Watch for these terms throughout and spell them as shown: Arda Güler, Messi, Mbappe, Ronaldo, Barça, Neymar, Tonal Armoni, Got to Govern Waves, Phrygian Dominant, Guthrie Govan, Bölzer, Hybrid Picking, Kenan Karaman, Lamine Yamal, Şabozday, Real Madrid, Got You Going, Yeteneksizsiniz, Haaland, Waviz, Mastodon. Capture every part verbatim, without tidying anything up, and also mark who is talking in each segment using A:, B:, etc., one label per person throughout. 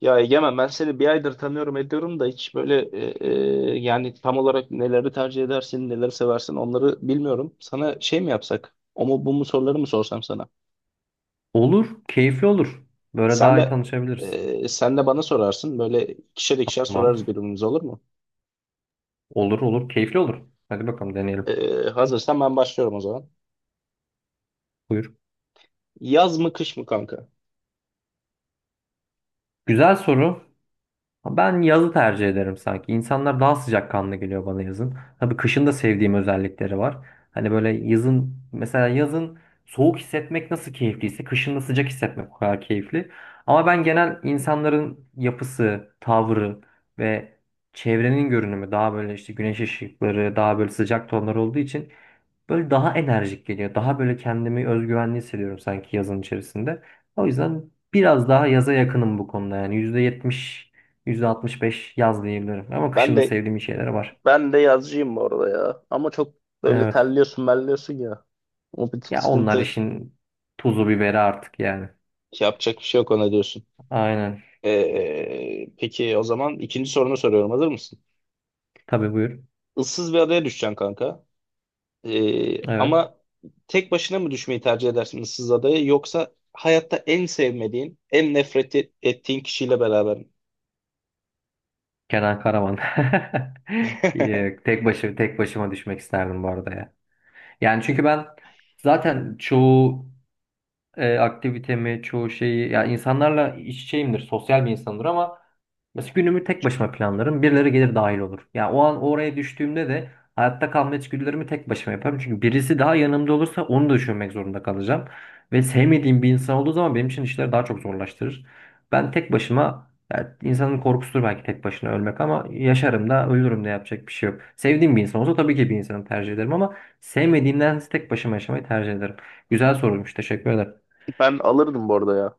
A: Ya Egemen, ben seni bir aydır tanıyorum ediyorum da hiç böyle e, e, yani tam olarak neleri tercih edersin, neleri seversin, onları bilmiyorum. Sana şey mi yapsak? O mu bu mu soruları mı sorsam sana?
B: Olur, keyifli olur. Böyle
A: Sen
B: daha iyi
A: de
B: tanışabiliriz.
A: e, sen de bana sorarsın. Böyle ikişer ikişer
B: Tamam.
A: sorarız birbirimize, olur mu?
B: Olur olur, keyifli olur. Hadi bakalım
A: E,
B: deneyelim.
A: hazırsan ben başlıyorum o zaman.
B: Buyur.
A: Yaz mı kış mı kanka?
B: Güzel soru. Ben yazı tercih ederim sanki. İnsanlar daha sıcakkanlı geliyor bana yazın. Tabii kışın da sevdiğim özellikleri var. Hani böyle yazın mesela yazın soğuk hissetmek nasıl keyifliyse kışın da sıcak hissetmek o kadar keyifli. Ama ben genel insanların yapısı, tavrı ve çevrenin görünümü daha böyle işte güneş ışıkları, daha böyle sıcak tonlar olduğu için böyle daha enerjik geliyor. Daha böyle kendimi özgüvenli hissediyorum sanki yazın içerisinde. O yüzden biraz daha yaza yakınım bu konuda yani. Yüzde yetmiş, yüzde altmış beş yaz diyebilirim. Ama
A: Ben
B: kışın da
A: de
B: sevdiğim şeyler var.
A: ben de yazcıyım bu arada ya. Ama çok böyle
B: Evet.
A: terliyorsun, melliyorsun ya. O bir tık
B: Ya onlar
A: sıkıntı.
B: işin tuzu biberi artık yani.
A: Yapacak bir şey yok, ona diyorsun.
B: Aynen.
A: Ee, peki, o zaman ikinci sorunu soruyorum. Hazır mısın?
B: Tabii buyur.
A: Issız bir adaya düşeceksin kanka. Ee,
B: Evet.
A: ama tek başına mı düşmeyi tercih edersin ıssız adaya, yoksa hayatta en sevmediğin, en nefret et- ettiğin kişiyle beraber mi?
B: Kenan Karaman. Yok, Tek başı, tek başıma düşmek isterdim bu arada ya. Yani çünkü ben zaten çoğu e, aktivitemi, çoğu şeyi ya insanlarla iç içeyimdir, sosyal bir insandır ama mesela günümü tek başıma planlarım. Birileri gelir dahil olur. Yani o an oraya düştüğümde de hayatta kalma içgüdülerimi tek başıma yaparım. Çünkü birisi daha yanımda olursa onu da düşünmek zorunda kalacağım. Ve sevmediğim bir insan olduğu zaman benim için işleri daha çok zorlaştırır. Ben tek başıma yani insanın korkusudur belki tek başına ölmek ama yaşarım da ölürüm de yapacak bir şey yok. Sevdiğim bir insan olsa tabii ki bir insanı tercih ederim ama sevmediğimden tek başıma yaşamayı tercih ederim. Güzel sorulmuş. Teşekkür ederim.
A: Ben alırdım bu arada ya,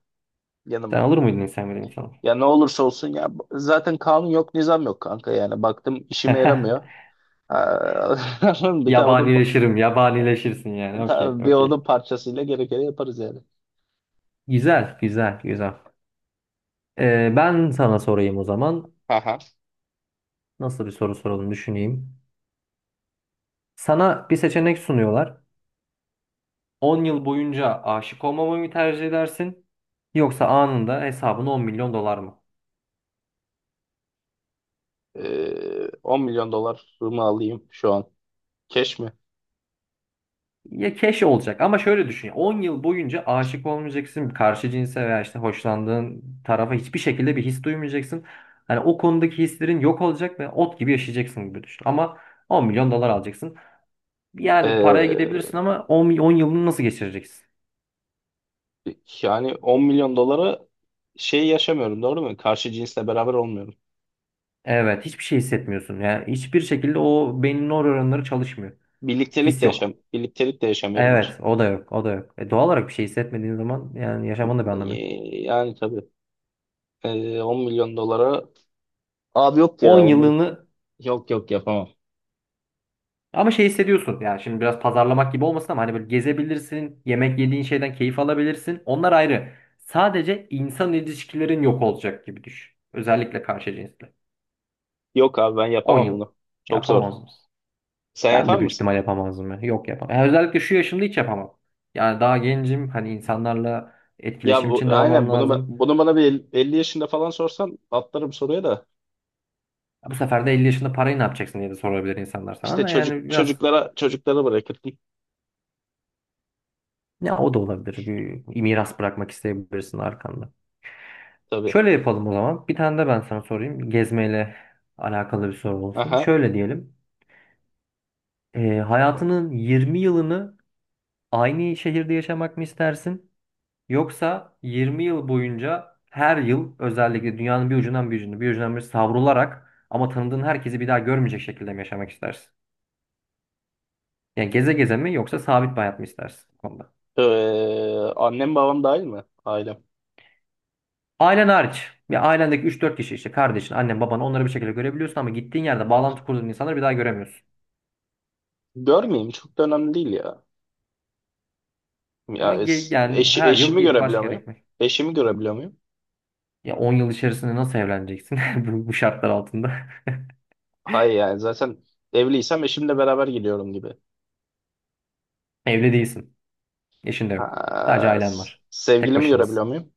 B: Sen
A: yanıma.
B: olur muydun insan bilim insanı?
A: Ya ne olursa olsun ya, zaten kanun yok, nizam yok kanka, yani baktım işime yaramıyor. Aa, bir tane odun, pa-
B: Yabanileşirim, yabanileşirsin yani. Okey,
A: ta- bir odun
B: okey.
A: parçasıyla gerekeni yaparız yani.
B: Güzel, güzel, güzel. Ee, ben sana sorayım o zaman.
A: Aha.
B: Nasıl bir soru soralım düşüneyim. Sana bir seçenek sunuyorlar. On yıl boyunca aşık olmamayı mı tercih edersin? Yoksa anında hesabına on milyon dolar mı?
A: Ee, on milyon dolar mı alayım şu an? Keş mi?
B: Ya keş olacak ama şöyle düşün. Ya, on yıl boyunca aşık olmayacaksın. Karşı cinse veya işte hoşlandığın tarafa hiçbir şekilde bir his duymayacaksın. Hani o konudaki hislerin yok olacak ve ot gibi yaşayacaksın gibi düşün. Ama on milyon dolar alacaksın. Yani paraya gidebilirsin
A: Ee,
B: ama on, mi- on yılını nasıl geçireceksin?
A: Yani on milyon dolara şey yaşamıyorum, doğru mu? Karşı cinsle beraber olmuyorum.
B: Evet, hiçbir şey hissetmiyorsun. Yani hiçbir şekilde o beynin nöronları çalışmıyor.
A: Birliktelik
B: His
A: de yaşam,
B: yok.
A: birliktelik de yaşamıyorum hiç.
B: Evet, o da yok, o da yok. E, doğal olarak bir şey hissetmediğin zaman yani yaşamanın da bir anlamı yok.
A: Ee, Yani tabii. Ee, on milyon dolara abi, yok
B: on
A: ya on milyon.
B: yılını.
A: Yok yok, yapamam.
B: Ama şey hissediyorsun yani şimdi biraz pazarlamak gibi olmasın ama hani böyle gezebilirsin, yemek yediğin şeyden keyif alabilirsin. Onlar ayrı. Sadece insan ilişkilerin yok olacak gibi düşün. Özellikle karşı cinsle.
A: Yok abi, ben
B: on
A: yapamam
B: yıl.
A: bunu. Çok zor.
B: Yapamaz mısın?
A: Sen
B: Ben
A: yapar
B: de büyük
A: mısın?
B: ihtimal yapamazdım ya. Yok, yapamam. Yani özellikle şu yaşımda hiç yapamam. Yani daha gencim. Hani insanlarla
A: Ya
B: etkileşim
A: bu
B: içinde olmam
A: aynen, bunu ba-
B: lazım.
A: bunu bana bir el- elli yaşında falan sorsan atlarım soruya da.
B: Bu sefer de elli yaşında parayı ne yapacaksın diye de sorabilir insanlar sana
A: İşte
B: da.
A: çocuk
B: Yani biraz
A: çocuklara çocuklara bırakırdım
B: ya o da olabilir. Bir miras bırakmak isteyebilirsin arkanda.
A: tabii.
B: Şöyle yapalım o zaman. Bir tane de ben sana sorayım. Gezmeyle alakalı bir soru olsun.
A: Aha.
B: Şöyle diyelim. Ee, hayatının yirmi yılını aynı şehirde yaşamak mı istersin? Yoksa yirmi yıl boyunca her yıl özellikle dünyanın bir ucundan bir ucuna bir ucundan bir savrularak ama tanıdığın herkesi bir daha görmeyecek şekilde mi yaşamak istersin? Yani geze geze mi yoksa sabit bir hayat mı istersin bu konuda?
A: Ee, Annem babam dahil mi? Ailem.
B: Ailen hariç. Bir ailendeki üç dört kişi işte kardeşin, annen, baban onları bir şekilde görebiliyorsun ama gittiğin yerde bağlantı kurduğun insanları bir daha göremiyorsun.
A: Görmeyeyim, çok da önemli değil ya. Ya
B: Ama ge-
A: es-
B: yani
A: eşi,
B: her yıl
A: eşimi
B: ge-
A: görebiliyor
B: başka yere
A: muyum?
B: gitmek.
A: Eşimi görebiliyor muyum?
B: Ya on yıl içerisinde nasıl evleneceksin bu, bu şartlar altında?
A: Hayır, yani zaten evliysem eşimle beraber gidiyorum gibi.
B: Evli değilsin. Eşin de yok. Sadece
A: Ha,
B: ailen
A: s-
B: var. Tek
A: sevgilimi
B: başınız.
A: görebiliyor muyum?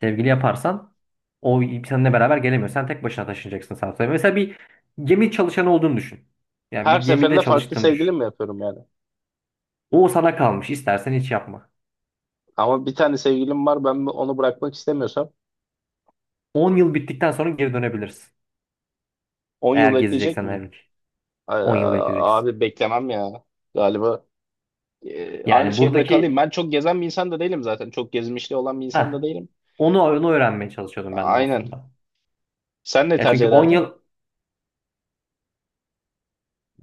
B: Sevgili yaparsan o seninle beraber gelemiyor. Sen tek başına taşınacaksın sadece. Mesela bir gemi çalışanı olduğunu düşün. Yani bir
A: Her
B: gemide
A: seferinde farklı
B: çalıştığını
A: sevgilim
B: düşün.
A: mi yapıyorum yani?
B: O sana kalmış. İstersen hiç yapma.
A: Ama bir tane sevgilim var, ben onu bırakmak istemiyorsam
B: On yıl bittikten sonra geri dönebilirsin.
A: on
B: Eğer
A: yıl bekleyecek
B: gezeceksen her
A: miyim?
B: ülke.
A: Ay,
B: On yıl bekleyeceksin.
A: abi, beklemem ya galiba. E, aynı
B: Yani
A: şehirde kalayım.
B: buradaki.
A: Ben çok gezen bir insan da değilim zaten. Çok gezmişliği olan bir insan da
B: Heh,
A: değilim.
B: onu, onu öğrenmeye çalışıyordum ben de
A: Aynen.
B: aslında.
A: Sen ne
B: Ya çünkü
A: tercih
B: on
A: ederdin?
B: yıl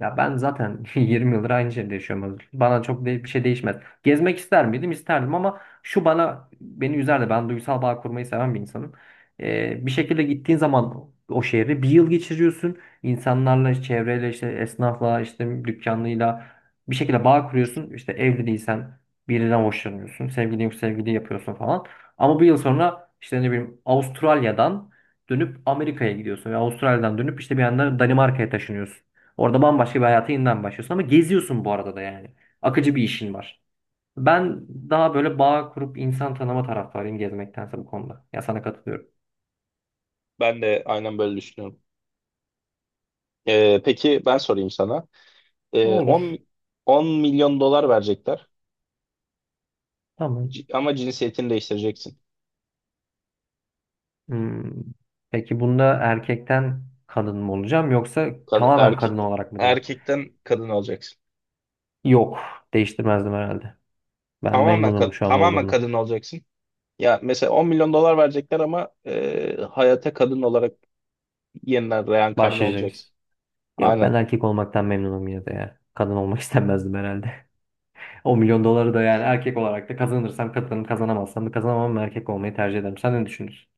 B: Ya ben zaten yirmi yıldır aynı şeyde yaşıyorum. Özgür. Bana çok de- bir şey değişmez. Gezmek ister miydim? İsterdim ama şu bana beni üzerdi. Ben duygusal bağ kurmayı seven bir insanım. Ee, bir şekilde gittiğin zaman o şehre bir yıl geçiriyorsun. İnsanlarla, işte çevreyle, işte esnafla, işte dükkanlıyla bir şekilde bağ kuruyorsun. İşte evli değilsen birinden hoşlanıyorsun. Sevgilin yok, sevgili yapıyorsun falan. Ama bir yıl sonra işte ne bileyim Avustralya'dan dönüp Amerika'ya gidiyorsun. Ve Avustralya'dan dönüp işte bir anda Danimarka'ya taşınıyorsun. Orada bambaşka bir hayata yeniden başlıyorsun ama geziyorsun bu arada da yani. Akıcı bir işin var. Ben daha böyle bağ kurup insan tanıma taraftarıyım gezmektense bu konuda. Ya sana katılıyorum.
A: Ben de aynen böyle düşünüyorum. Ee, peki, ben sorayım sana. Ee, 10,
B: Olur.
A: 10 milyon dolar verecekler,
B: Tamam.
A: C- ama cinsiyetini değiştireceksin.
B: Hmm. Peki bunda erkekten kadın mı olacağım yoksa
A: Kad-
B: tamamen
A: erkek,
B: kadın olarak mı diye?
A: erkekten kadın olacaksın.
B: Yok. Değiştirmezdim herhalde. Ben
A: Tamamen,
B: memnunum
A: ka-
B: şu an
A: tamamen
B: olduğumla.
A: kadın olacaksın. Ya mesela on milyon dolar verecekler, ama e, hayata kadın olarak yeniden reenkarne olacaksın.
B: Başlayacağız. Yok,
A: Aynen.
B: ben erkek olmaktan memnunum yine de ya. Kadın olmak istemezdim herhalde. O milyon doları da yani erkek olarak da kazanırsam kazanırım, kazanamazsam da kazanamam, erkek olmayı tercih ederim. Sen ne düşünürsün?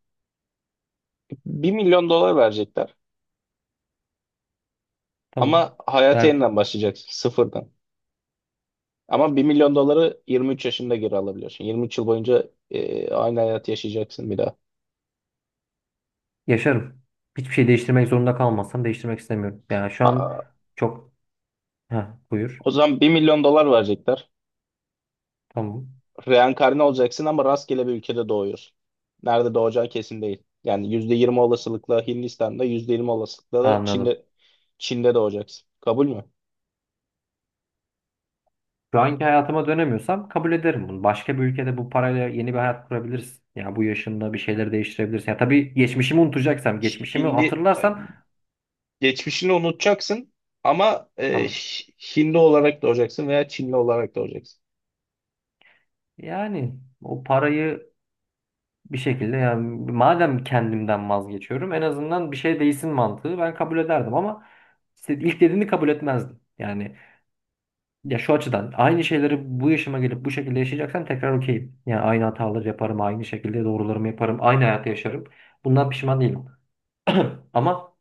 A: bir milyon dolar verecekler ama
B: Tamam.
A: hayata
B: Ver.
A: yeniden başlayacaksın sıfırdan. Ama bir milyon doları yirmi üç yaşında geri alabiliyorsun. yirmi üç yıl boyunca e, aynı hayat yaşayacaksın bir daha.
B: Yaşarım. Hiçbir şey değiştirmek zorunda kalmazsam değiştirmek istemiyorum. Yani şu an
A: Aa,
B: çok... Heh, Buyur.
A: o zaman bir milyon dolar verecekler.
B: Tamam.
A: Reenkarne olacaksın ama rastgele bir ülkede doğuyorsun. Nerede doğacağı kesin değil. Yani yüzde yirmi olasılıkla Hindistan'da, yüzde yirmi olasılıkla da
B: Anladım.
A: Çin'de Çin'de doğacaksın. Kabul mü?
B: Şu anki hayatıma dönemiyorsam kabul ederim bunu. Başka bir ülkede bu parayla yeni bir hayat kurabilirsin. Ya bu yaşında bir şeyleri değiştirebilirsin. Ya tabii geçmişimi unutacaksam, geçmişimi
A: Hindi
B: hatırlarsam
A: geçmişini unutacaksın ama e,
B: tamam.
A: Hindi olarak doğacaksın veya Çinli olarak doğacaksın.
B: Yani o parayı bir şekilde yani madem kendimden vazgeçiyorum en azından bir şey değilsin mantığı ben kabul ederdim ama işte ilk dediğini kabul etmezdim. Yani ya şu açıdan aynı şeyleri bu yaşıma gelip bu şekilde yaşayacaksam tekrar okeyim. Yani aynı hataları yaparım, aynı şekilde doğrularımı yaparım, aynı hayatı yaşarım. Bundan pişman değilim. Ama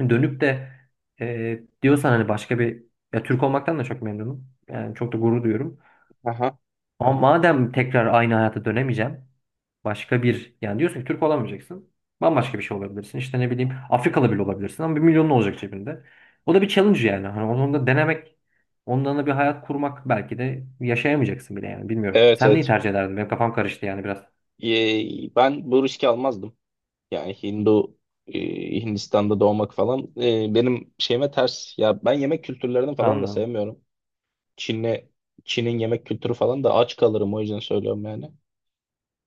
B: dönüp de e, diyorsan hani başka bir, ya Türk olmaktan da çok memnunum. Yani çok da gurur duyuyorum.
A: Aha.
B: Ama madem tekrar aynı hayata dönemeyeceğim başka bir, yani diyorsun ki Türk olamayacaksın. Bambaşka bir şey olabilirsin. İşte ne bileyim Afrikalı bile olabilirsin ama bir milyonun olacak cebinde. O da bir challenge yani. Hani onu da denemek, ondan da bir hayat kurmak belki de yaşayamayacaksın bile yani bilmiyorum.
A: Evet,
B: Sen neyi
A: evet.
B: tercih ederdin? Benim kafam karıştı yani biraz.
A: Ee, ben bu riski almazdım. Yani Hindu e, Hindistan'da doğmak falan, e, benim şeyime ters. Ya ben yemek kültürlerini falan da
B: Anladım.
A: sevmiyorum. Çin'le Çin'in yemek kültürü falan da, aç kalırım o yüzden söylüyorum yani.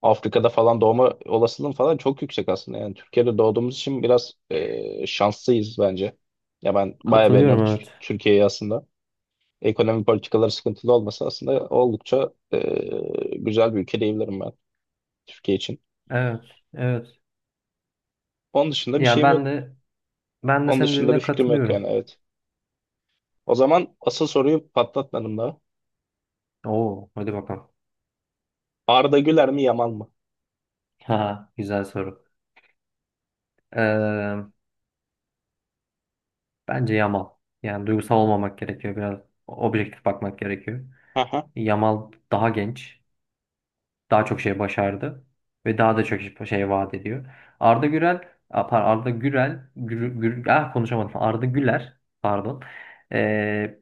A: Afrika'da falan doğma olasılığım falan çok yüksek aslında. Yani Türkiye'de doğduğumuz için biraz e, şanslıyız bence. Ya ben bayağı
B: Katılıyorum,
A: beğeniyorum Tür-
B: evet.
A: Türkiye'yi aslında. Ekonomi politikaları sıkıntılı olmasa aslında oldukça e, güzel bir ülke diyebilirim ben Türkiye için.
B: Evet, evet.
A: Onun dışında bir
B: Ya
A: şeyim
B: ben
A: yok.
B: de ben de
A: Onun
B: senin
A: dışında bir
B: dediğine
A: fikrim yok yani,
B: katılıyorum.
A: evet. O zaman asıl soruyu patlatmadım daha.
B: Oo, hadi bakalım.
A: Arda Güler mi Yamal mı?
B: Ha, güzel soru. Ee, Bence Yamal. Yani duygusal olmamak gerekiyor biraz. Objektif bakmak gerekiyor.
A: Aha,
B: Yamal daha genç, daha çok şey başardı ve daha da çok şey vaat ediyor. Arda Gürel, a, par- Arda Gürel, Gür, Gür- ah, konuşamadım. Arda Güler, pardon. Ee,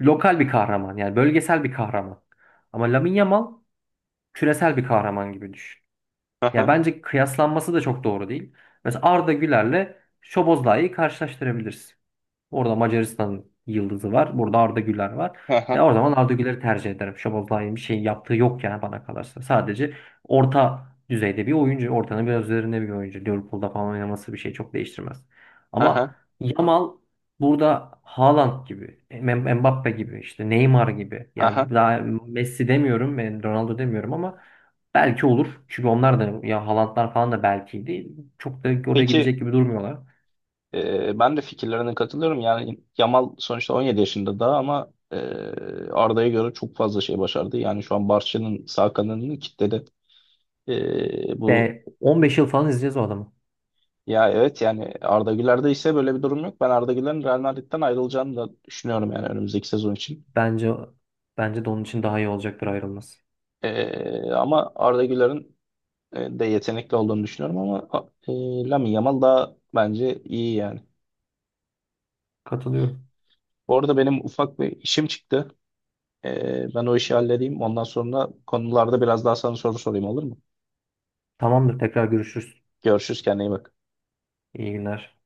B: Lokal bir kahraman yani bölgesel bir kahraman. Ama Lamine Yamal küresel bir kahraman gibi düşün. Ya
A: aha,
B: bence kıyaslanması da çok doğru değil. Mesela Arda Güler'le Şoboz Lai'yi karşılaştırabilirsin. Orada Macaristan yıldızı var. Burada Arda Güler var. Ve
A: aha,
B: o zaman Arda Güler'i tercih ederim. Şabozday'ın bir şey yaptığı yok yani bana kalırsa. Sadece orta düzeyde bir oyuncu. Ortanın biraz üzerinde bir oyuncu. Liverpool'da falan oynaması bir şey çok değiştirmez.
A: aha,
B: Ama Yamal burada Haaland gibi, M- Mbappe gibi, işte Neymar gibi. Yani
A: aha.
B: daha Messi demiyorum, ben Ronaldo demiyorum ama belki olur. Çünkü onlar da ya Haalandlar falan da belkiydi. Çok da oraya
A: Peki,
B: gidecek gibi durmuyorlar.
A: e, ben de fikirlerine katılıyorum. Yani Yamal sonuçta on yedi yaşında daha, ama e, Arda'ya göre çok fazla şey başardı. Yani şu an Barça'nın sağ kanadını kitledi. E, bu
B: Ve on beş yıl falan izleyeceğiz o adamı.
A: Ya, evet, yani Arda Güler'de ise böyle bir durum yok. Ben Arda Güler'in Real Madrid'den ayrılacağını da düşünüyorum, yani önümüzdeki sezon için.
B: Bence bence de onun için daha iyi olacaktır ayrılması.
A: E, ama Arda Güler'in e, de yetenekli olduğunu düşünüyorum, ama a- e, Lamine Yamal daha bence iyi yani.
B: Katılıyorum.
A: Bu arada benim ufak bir işim çıktı. E, ben o işi halledeyim. Ondan sonra konularda biraz daha sana soru sorayım, olur mu?
B: Tamamdır, tekrar görüşürüz.
A: Görüşürüz, kendine iyi bak.
B: İyi günler.